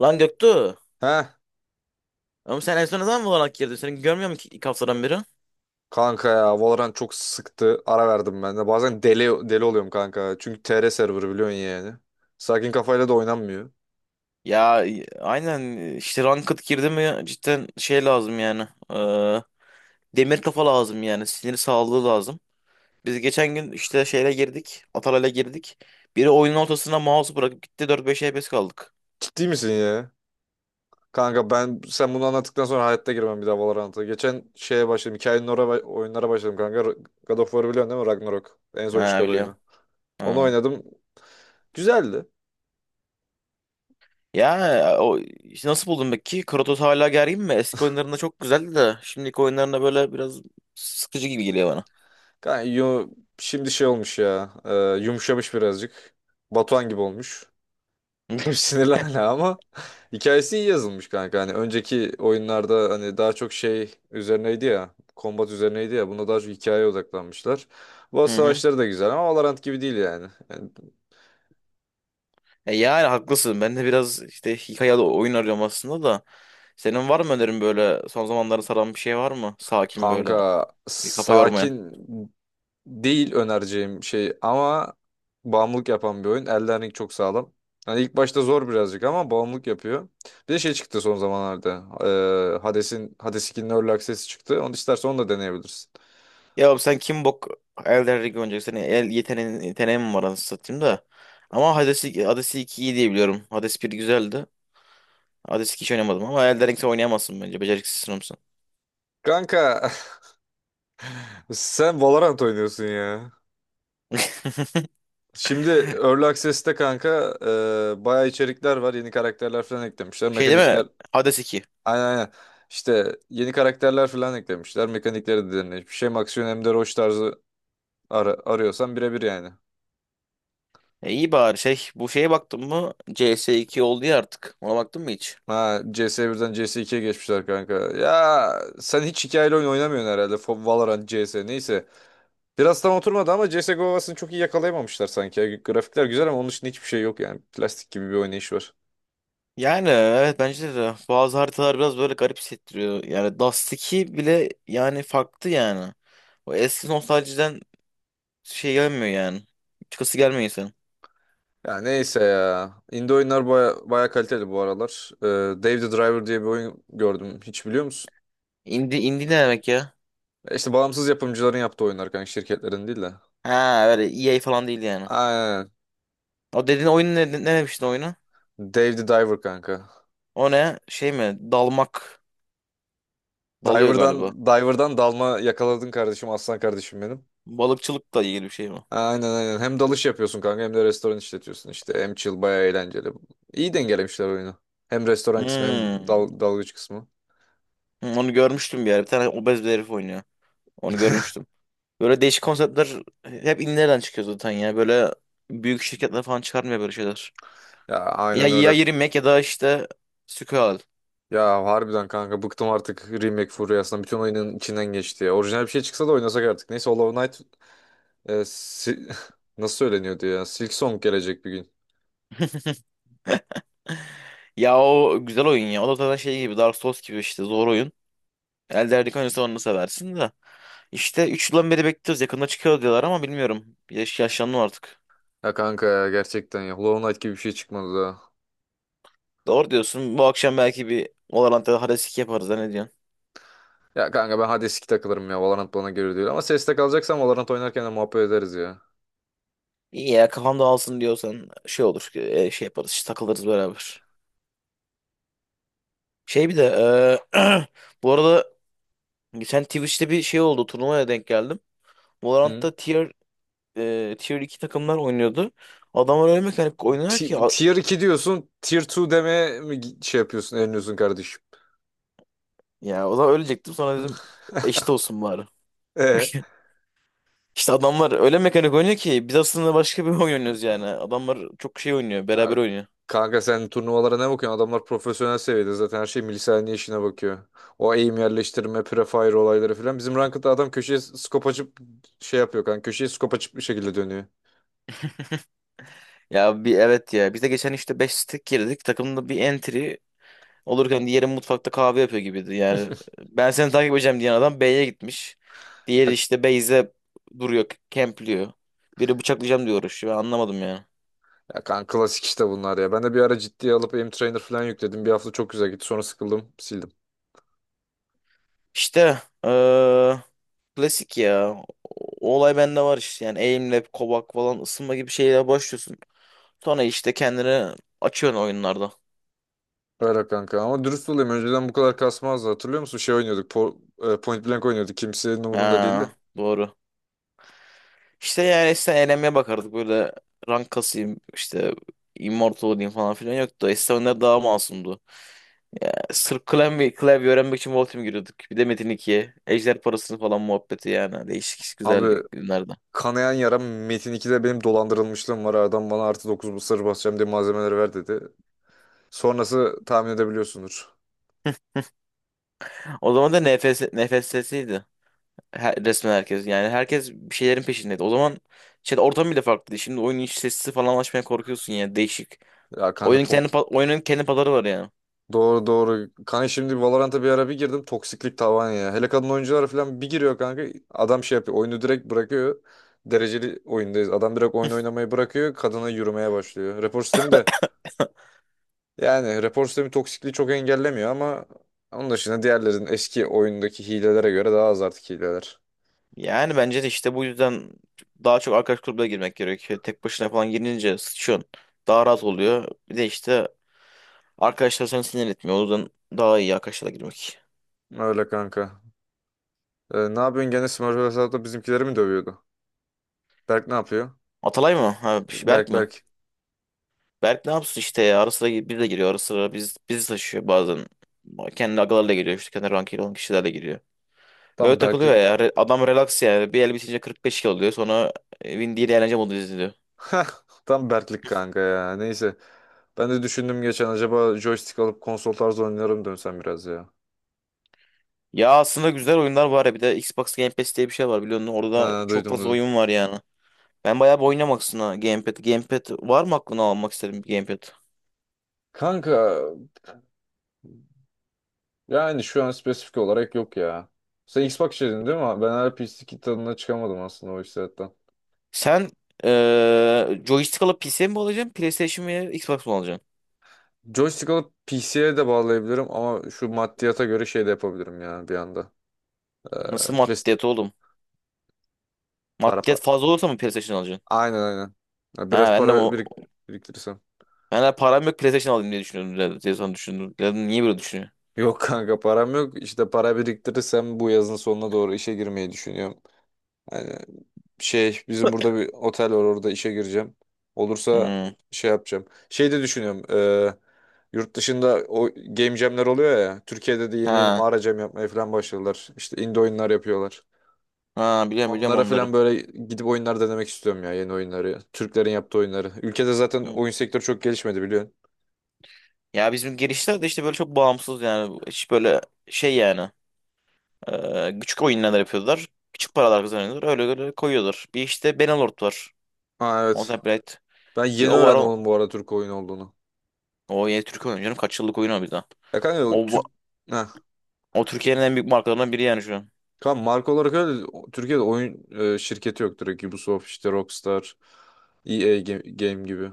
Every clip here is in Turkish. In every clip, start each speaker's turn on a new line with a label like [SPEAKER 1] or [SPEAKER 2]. [SPEAKER 1] Lan Göktuğ.
[SPEAKER 2] Heh,
[SPEAKER 1] Ama sen en son ne zaman Valorant girdin? Seni görmüyor mu ki ilk haftadan beri?
[SPEAKER 2] kanka ya, Valorant çok sıktı. Ara verdim ben de. Bazen deli deli oluyorum kanka. Çünkü TR serverı biliyorsun yani. Sakin kafayla da oynanmıyor.
[SPEAKER 1] Ya aynen, işte ranked girdi mi cidden şey lazım yani. Demir kafa lazım yani. Sinir sağlığı lazım. Biz geçen gün işte şeyle girdik. Atalay'la girdik. Biri oyunun ortasına mouse'u bırakıp gitti, 4-5 FPS kaldık.
[SPEAKER 2] Ciddi misin ya? Kanka, ben sen bunu anlattıktan sonra hayatta girmem bir daha Valorant'a. Geçen şeye başladım. Hikayenin oraya oyunlara başladım kanka. God of War'ı biliyorsun değil mi? Ragnarok. En son
[SPEAKER 1] Ha,
[SPEAKER 2] çıkan
[SPEAKER 1] biliyorum.
[SPEAKER 2] oyunu. Onu
[SPEAKER 1] Ha.
[SPEAKER 2] oynadım. Güzeldi.
[SPEAKER 1] Ya, o işte nasıl buldun peki? Kratos hala gergin mi? Eski oyunlarında çok güzeldi de şimdiki oyunlarında böyle biraz sıkıcı gibi geliyor bana.
[SPEAKER 2] Kanka, şimdi şey olmuş ya. Yumuşamış birazcık. Batuhan gibi olmuş. Sinirlen hala ama hikayesi iyi yazılmış kanka. Hani önceki oyunlarda hani daha çok şey üzerineydi ya. Kombat üzerineydi ya. Bunda daha çok hikayeye odaklanmışlar. Bu
[SPEAKER 1] Hı hı.
[SPEAKER 2] savaşları da güzel ama Valorant gibi değil yani. Yani
[SPEAKER 1] E yani haklısın. Ben de biraz işte hikaye oyun arıyorum aslında da. Senin var mı önerin böyle son zamanlarda saran bir şey var mı? Sakin böyle
[SPEAKER 2] kanka,
[SPEAKER 1] bir kafa yormayan.
[SPEAKER 2] sakin değil önereceğim şey ama bağımlılık yapan bir oyun. Elden Ring çok sağlam. Hani ilk başta zor birazcık ama bağımlılık yapıyor. Bir de şey çıktı son zamanlarda. Hades 2'nin Early Access'i çıktı. Onu istersen onu da deneyebilirsin.
[SPEAKER 1] Ya oğlum, sen kim bok Elden Ring oynayacaksın? Senin el yeteneğin mi var anasını satayım da. Ama Hades 2 iyi diye biliyorum. Hades 1 güzeldi. Hades 2 hiç oynamadım ama Elden Ring sen oynayamazsın bence. Beceriksiz sınıfsın.
[SPEAKER 2] Kanka, sen Valorant oynuyorsun ya. Şimdi Early Access'te kanka, bayağı içerikler var. Yeni karakterler falan eklemişler.
[SPEAKER 1] Şey değil mi?
[SPEAKER 2] Mekanikler.
[SPEAKER 1] Hades 2.
[SPEAKER 2] Aynen aynen. İşte yeni karakterler falan eklemişler. Mekanikleri de derinleşmiş. Hiçbir şey. Hem aksiyon hem de roş tarzı arıyorsan birebir yani.
[SPEAKER 1] E iyi bari şey, bu şeye baktın mı? CS iki oldu ya artık. Ona baktın mı hiç?
[SPEAKER 2] Ha, CS1'den CS2'ye geçmişler kanka. Ya sen hiç hikayeli oyun oynamıyorsun herhalde. Valorant, CS neyse. Biraz tam oturmadı ama CSGO havasını çok iyi yakalayamamışlar sanki. Ya. Grafikler güzel ama onun için hiçbir şey yok yani. Plastik gibi bir oynayış var.
[SPEAKER 1] Yani evet, bence de bazı haritalar biraz böyle garip hissettiriyor. Yani Dust 2 bile yani farklı yani. O eski nostaljiden şey gelmiyor yani. Çıkası gelmiyor insanın.
[SPEAKER 2] Ya neyse ya. Indie oyunlar baya, baya kaliteli bu aralar. Dave the Driver diye bir oyun gördüm. Hiç biliyor musun?
[SPEAKER 1] Indie ne demek ya?
[SPEAKER 2] İşte bağımsız yapımcıların yaptığı oyunlar kanka. Şirketlerin değil de.
[SPEAKER 1] Ha, öyle EA falan değil yani.
[SPEAKER 2] Aynen.
[SPEAKER 1] O dediğin oyun ne demiştin oyunu?
[SPEAKER 2] Dave the Diver kanka.
[SPEAKER 1] O ne? Şey mi? Dalmak. Dalıyor galiba.
[SPEAKER 2] Diver'dan dalma yakaladın kardeşim. Aslan kardeşim benim.
[SPEAKER 1] Balıkçılıkla ilgili bir şey mi?
[SPEAKER 2] Aynen aynen. Hem dalış yapıyorsun kanka hem de restoran işletiyorsun işte. Hem chill baya eğlenceli. İyi dengelemişler oyunu. Hem restoran kısmı hem
[SPEAKER 1] Hmm.
[SPEAKER 2] dalgıç kısmı.
[SPEAKER 1] Hı, onu görmüştüm bir yer. Bir tane obez bir herif oynuyor. Onu görmüştüm. Böyle değişik konseptler hep indilerden çıkıyor zaten ya. Böyle büyük şirketler falan çıkarmıyor böyle şeyler.
[SPEAKER 2] Ya,
[SPEAKER 1] Ya,
[SPEAKER 2] aynen
[SPEAKER 1] ya
[SPEAKER 2] öyle.
[SPEAKER 1] Yeri Mac ya da işte Skull.
[SPEAKER 2] Ya harbiden kanka, bıktım artık remake furyasından. Bütün oyunun içinden geçti ya. Orijinal bir şey çıksa da oynasak artık. Neyse Hollow Knight, e, si- nasıl söyleniyordu ya? Silk Song gelecek bir gün.
[SPEAKER 1] Ya o güzel oyun ya. O da zaten şey gibi Dark Souls gibi işte zor oyun. Elde Ring oynuyorsan onu seversin de. İşte 3 yıldan beri bekliyoruz. Yakında çıkıyor diyorlar ama bilmiyorum. Yaşlandım artık.
[SPEAKER 2] Ya kanka ya, gerçekten ya. Hollow Knight gibi bir şey çıkmadı daha.
[SPEAKER 1] Doğru diyorsun. Bu akşam belki bir Valorant'ta Hades 2 yaparız. Ha, Ne diyorsun?
[SPEAKER 2] Ya kanka, ben Hades 2 takılırım ya. Valorant bana göre değil. Ama CS'de kalacaksam Valorant oynarken de muhabbet ederiz ya.
[SPEAKER 1] İyi ya, kafam dağılsın diyorsan şey olur. Şey yaparız, işte takılırız beraber. Şey bir de e, bu arada geçen Twitch'te bir şey oldu. Turnuvaya denk geldim.
[SPEAKER 2] Hı?
[SPEAKER 1] Valorant'ta tier 2 takımlar oynuyordu. Adamlar öyle mekanik oynuyor ki
[SPEAKER 2] Tier 2 diyorsun. Tier 2 demeye mi şey yapıyorsun, eliniyorsun kardeşim?
[SPEAKER 1] ya o zaman ölecektim. Sonra dedim eşit olsun bari.
[SPEAKER 2] E?
[SPEAKER 1] İşte adamlar öyle mekanik oynuyor ki biz aslında başka bir oyun oynuyoruz yani. Adamlar çok şey oynuyor,
[SPEAKER 2] Ya,
[SPEAKER 1] beraber oynuyor.
[SPEAKER 2] kanka sen turnuvalara ne bakıyorsun? Adamlar profesyonel seviyede zaten, her şey milisaniye işine bakıyor. O aim yerleştirme, prefire olayları falan. Bizim ranked'da adam köşeye skop açıp şey yapıyor kanka. Köşeye skop açıp bir şekilde dönüyor.
[SPEAKER 1] Ya bir evet ya. Biz de geçen işte 5 stack girdik. Takımda bir entry olurken diğeri mutfakta kahve yapıyor gibiydi. Yani ben seni takip edeceğim diyen adam B'ye gitmiş. Diğeri
[SPEAKER 2] Ya
[SPEAKER 1] işte Beyze duruyor, kempliyor. Biri bıçaklayacağım diyor uğraşıyor. Ben anlamadım yani.
[SPEAKER 2] ya kanka, klasik işte bunlar ya. Ben de bir ara ciddiye alıp aim trainer falan yükledim. Bir hafta çok güzel gitti. Sonra sıkıldım, sildim.
[SPEAKER 1] İşte eee, klasik ya. O olay bende var işte. Yani aimlab, kovak falan ısınma gibi şeyler başlıyorsun. Sonra işte kendini açıyorsun oyunlarda.
[SPEAKER 2] Öyle kanka ama dürüst olayım. Önceden bu kadar kasmazdı. Hatırlıyor musun? Şey oynuyorduk. Point Blank oynuyorduk. Kimsenin umurunda değildi.
[SPEAKER 1] Ha, doğru. İşte yani eskiden eğlenmeye bakardık. Böyle rank kasayım, işte immortal olayım falan filan yoktu. Eskiden oyunlar daha masumdu. Ya, sırf klavye öğrenmek için Voltim giriyorduk. Bir de Metin 2'ye. Ejder parasını falan muhabbeti yani. Değişik güzel
[SPEAKER 2] Abi,
[SPEAKER 1] günlerden.
[SPEAKER 2] kanayan yaram Metin 2'de benim dolandırılmışlığım var. Adam bana artı 9 mısır basacağım diye malzemeleri ver dedi. Sonrası tahmin edebiliyorsundur.
[SPEAKER 1] O zaman da NFS'siydi. Resmen herkes. Yani herkes bir şeylerin peşindeydi. O zaman şey, ortam bile farklıydı. Şimdi oyunun iç sesi falan açmaya korkuyorsun yani. Değişik.
[SPEAKER 2] Ya kanka,
[SPEAKER 1] Oyunun kendi, pa- oyunun kendi pazarı var yani.
[SPEAKER 2] doğru doğru. Kanka, şimdi Valorant'a bir ara bir girdim. Toksiklik tavan ya. Hele kadın oyunculara falan bir giriyor kanka. Adam şey yapıyor. Oyunu direkt bırakıyor. Dereceli oyundayız. Adam direkt oyun oynamayı bırakıyor. Kadına yürümeye başlıyor. Rapor sistemi de, yani rapor sistemi toksikliği çok engellemiyor ama onun dışında diğerlerin eski oyundaki hilelere göre daha az artık hileler.
[SPEAKER 1] Yani bence de işte bu yüzden daha çok arkadaş grubuna girmek gerekiyor. Tek başına falan girince sıçıyorsun. Daha rahat oluyor. Bir de işte arkadaşlar seni sinir etmiyor. O yüzden daha iyi arkadaşlarla girmek.
[SPEAKER 2] Öyle kanka. Ne yapıyorsun? Gene Smurf hesapta bizimkileri mi dövüyordu? Berk ne yapıyor?
[SPEAKER 1] Atalay mı? Ha, Berk
[SPEAKER 2] Berk,
[SPEAKER 1] mi?
[SPEAKER 2] Berk.
[SPEAKER 1] Berk ne yapsın işte ya. Ara sıra bir de giriyor. Ara sıra bizi taşıyor bazen. Kendi agalarla giriyor. İşte kendi rankıyla olan kişilerle giriyor. Öyle
[SPEAKER 2] Tam
[SPEAKER 1] takılıyor
[SPEAKER 2] Berklik.
[SPEAKER 1] ya. Adam relax yani. Bir el bitince 45 kilo oluyor. Sonra Win değil eğlence modu izliyor.
[SPEAKER 2] Hah, tam Berklik kanka ya. Neyse. Ben de düşündüm geçen, acaba joystick alıp konsol tarzı oynarım dönsem biraz ya.
[SPEAKER 1] Ya aslında güzel oyunlar var ya. Bir de Xbox Game Pass diye bir şey var biliyorsun. Orada
[SPEAKER 2] Ha,
[SPEAKER 1] çok
[SPEAKER 2] duydum
[SPEAKER 1] fazla
[SPEAKER 2] duydum.
[SPEAKER 1] oyun var yani. Ben bayağı bir oynamak istiyorum, ha, Gamepad. Gamepad var mı, aklına almak isterim bir Gamepad?
[SPEAKER 2] Kanka, yani şu an spesifik olarak yok ya. Sen Xbox dedin değil mi? Ben hala PC kit tadına çıkamadım aslında o hissiyattan.
[SPEAKER 1] Sen joystick alıp PC mi alacaksın? PlayStation veya Xbox mı alacaksın?
[SPEAKER 2] Joystick alıp PC'ye de bağlayabilirim ama şu maddiyata göre şey de yapabilirim ya bir anda. Ee,
[SPEAKER 1] Nasıl
[SPEAKER 2] Play-
[SPEAKER 1] maddiyat oğlum?
[SPEAKER 2] para
[SPEAKER 1] Maddiyat
[SPEAKER 2] para.
[SPEAKER 1] fazla olursa mı PlayStation alacaksın?
[SPEAKER 2] Aynen aynen. Ya,
[SPEAKER 1] Ha,
[SPEAKER 2] biraz
[SPEAKER 1] ben de bu
[SPEAKER 2] para biriktirirsem.
[SPEAKER 1] ben de param yok, PlayStation alayım diye düşünüyordum zaten. Telefon düşündüm. Dedim, niye böyle düşünüyor?
[SPEAKER 2] Yok kanka, param yok. İşte para biriktirirsem bu yazın sonuna doğru işe girmeyi düşünüyorum. Yani şey bizim burada bir otel var, orada işe gireceğim. Olursa
[SPEAKER 1] Hmm.
[SPEAKER 2] şey yapacağım. Şey de düşünüyorum. Yurt dışında o game jamler oluyor ya. Türkiye'de de yeni yeni
[SPEAKER 1] Ha.
[SPEAKER 2] mağara jam yapmaya falan başladılar. İşte indie oyunlar yapıyorlar.
[SPEAKER 1] Ha, biliyorum
[SPEAKER 2] Onlara
[SPEAKER 1] onları.
[SPEAKER 2] falan böyle gidip oyunlar denemek istiyorum ya, yeni oyunları. Türklerin yaptığı oyunları. Ülkede zaten
[SPEAKER 1] Hı.
[SPEAKER 2] oyun sektörü çok gelişmedi biliyorsun.
[SPEAKER 1] Ya bizim girişler de işte böyle çok bağımsız yani. Hiç böyle şey yani. Küçük oyunlar yapıyorlar. Küçük paralar kazanıyorlar. Öyle öyle koyuyorlar. Bir işte Benelord var.
[SPEAKER 2] Ha evet.
[SPEAKER 1] Mountain Blade.
[SPEAKER 2] Ben
[SPEAKER 1] Bir
[SPEAKER 2] yeni
[SPEAKER 1] o var.
[SPEAKER 2] öğrendim
[SPEAKER 1] O,
[SPEAKER 2] oğlum bu arada Türk oyun olduğunu.
[SPEAKER 1] o yeni Türk oyunu canım. Kaç yıllık oyun o bir daha.
[SPEAKER 2] Ya kanka, o
[SPEAKER 1] O, bu-
[SPEAKER 2] Türk... Heh.
[SPEAKER 1] o Türkiye'nin en büyük markalarından biri yani şu an.
[SPEAKER 2] Kanka marka olarak öyle Türkiye'de oyun şirketi yok direkt. Ubisoft işte, Rockstar, EA Game, Game gibi.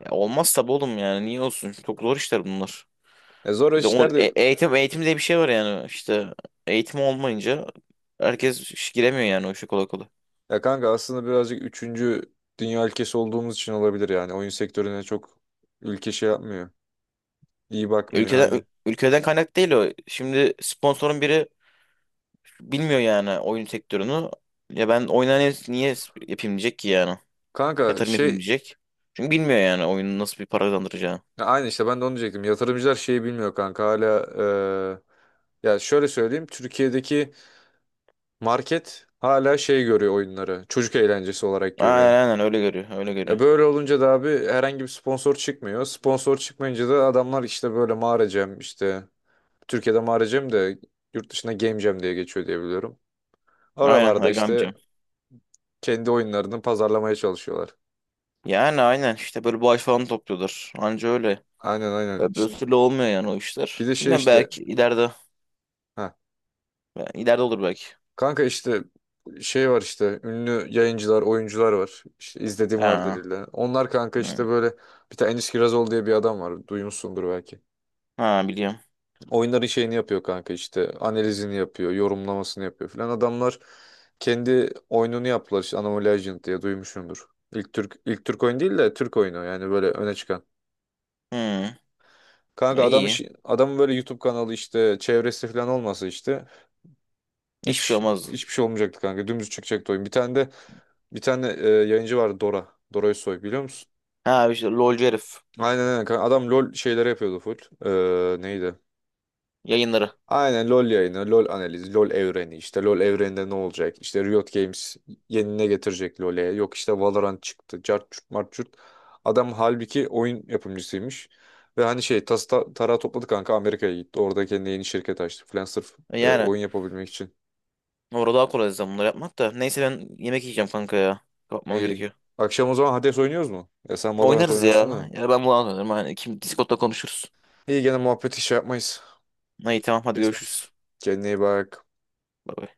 [SPEAKER 1] Ya olmaz tabii oğlum yani. Niye olsun? Çok zor işler bunlar.
[SPEAKER 2] E zor
[SPEAKER 1] Bir de
[SPEAKER 2] işler de,
[SPEAKER 1] eğitim eğitim diye bir şey var yani, işte eğitim olmayınca herkes iş giremiyor yani o işe kolay kolay.
[SPEAKER 2] ya kanka, aslında birazcık üçüncü dünya ülkesi olduğumuz için olabilir yani. Oyun sektörüne çok ülke şey yapmıyor. İyi bakmıyor
[SPEAKER 1] Ülkeden
[SPEAKER 2] hani.
[SPEAKER 1] ül- ülkeden kaynak değil o. Şimdi sponsorun biri bilmiyor yani oyun sektörünü. Ya ben oyuna niye yapayım diyecek ki yani.
[SPEAKER 2] Kanka
[SPEAKER 1] Yatırım yapayım
[SPEAKER 2] şey,
[SPEAKER 1] diyecek. Çünkü bilmiyor yani oyunun nasıl bir para kazandıracağını.
[SPEAKER 2] ya aynı işte ben de onu diyecektim. Yatırımcılar şeyi bilmiyor kanka hala, ya şöyle söyleyeyim, Türkiye'deki market hala şey görüyor oyunları. Çocuk eğlencesi olarak
[SPEAKER 1] Aynen
[SPEAKER 2] görüyor.
[SPEAKER 1] aynen, öyle görüyor öyle
[SPEAKER 2] E
[SPEAKER 1] görüyor.
[SPEAKER 2] böyle olunca da abi, herhangi bir sponsor çıkmıyor. Sponsor çıkmayınca da adamlar işte böyle mağara jam, işte Türkiye'de mağara jam, de yurt dışında game jam diye geçiyor diye biliyorum.
[SPEAKER 1] Aynen
[SPEAKER 2] Oralarda
[SPEAKER 1] Hakkı amca.
[SPEAKER 2] işte kendi oyunlarını pazarlamaya çalışıyorlar.
[SPEAKER 1] Yani aynen işte böyle bağış falan topluyorlar. Anca öyle.
[SPEAKER 2] Aynen aynen.
[SPEAKER 1] Öbür
[SPEAKER 2] İşte
[SPEAKER 1] türlü olmuyor yani o
[SPEAKER 2] bir
[SPEAKER 1] işler.
[SPEAKER 2] de şey
[SPEAKER 1] Bilmem
[SPEAKER 2] işte,
[SPEAKER 1] belki ileride.
[SPEAKER 2] ha
[SPEAKER 1] Yani. İleride olur belki.
[SPEAKER 2] kanka, işte şey var işte ünlü yayıncılar, oyuncular var. İşte izlediğim var
[SPEAKER 1] Ha.
[SPEAKER 2] dediler. Onlar kanka
[SPEAKER 1] Hı.
[SPEAKER 2] işte böyle bir tane Enis Kirazoğlu diye bir adam var. Duymuşsundur belki.
[SPEAKER 1] Ha, biliyorum.
[SPEAKER 2] Oyunların şeyini yapıyor kanka, işte analizini yapıyor, yorumlamasını yapıyor filan. Adamlar kendi oyununu yaptılar işte Anomaly Legend diye, duymuşumdur. İlk Türk oyun değil de Türk oyunu yani böyle öne çıkan.
[SPEAKER 1] Hı.
[SPEAKER 2] Kanka,
[SPEAKER 1] E, iyi.
[SPEAKER 2] adamın böyle YouTube kanalı işte çevresi falan olmasa işte
[SPEAKER 1] Hiçbir şey
[SPEAKER 2] hiç
[SPEAKER 1] olmazdı.
[SPEAKER 2] hiçbir şey olmayacaktı kanka. Dümdüz çıkacaktı oyun. Bir tane yayıncı vardı, Dora. Dora Özsoy, biliyor musun?
[SPEAKER 1] Ha işte LOLcu herif.
[SPEAKER 2] Aynen aynen kanka. Adam LOL şeyleri yapıyordu full. Neydi?
[SPEAKER 1] Yayınları.
[SPEAKER 2] Aynen LoL yayını, LoL analizi, LoL evreni, işte LoL evreninde ne olacak? İşte Riot Games yeni ne getirecek LoL'e? Yok işte Valorant çıktı. Cart çurt mart çurt. Adam halbuki oyun yapımcısıymış. Ve hani şey tarağı topladı kanka, Amerika'ya gitti. Orada kendine yeni şirket açtı falan sırf
[SPEAKER 1] E, yani.
[SPEAKER 2] oyun yapabilmek için.
[SPEAKER 1] Orada daha kolay zaten bunları yapmak da. Neyse ben yemek yiyeceğim kanka ya. Kapmam
[SPEAKER 2] İyi.
[SPEAKER 1] gerekiyor.
[SPEAKER 2] Akşam o zaman Hades oynuyoruz mu? Ya sen Valorant
[SPEAKER 1] Oynarız
[SPEAKER 2] oynarsın
[SPEAKER 1] ya.
[SPEAKER 2] da.
[SPEAKER 1] Ya ben bunu anlarım. Hani kim Discord'da konuşuruz.
[SPEAKER 2] İyi gene muhabbeti şey yapmayız.
[SPEAKER 1] İyi, tamam, hadi
[SPEAKER 2] Kesmeyiz.
[SPEAKER 1] görüşürüz.
[SPEAKER 2] Kendine iyi bak.
[SPEAKER 1] Bay bay.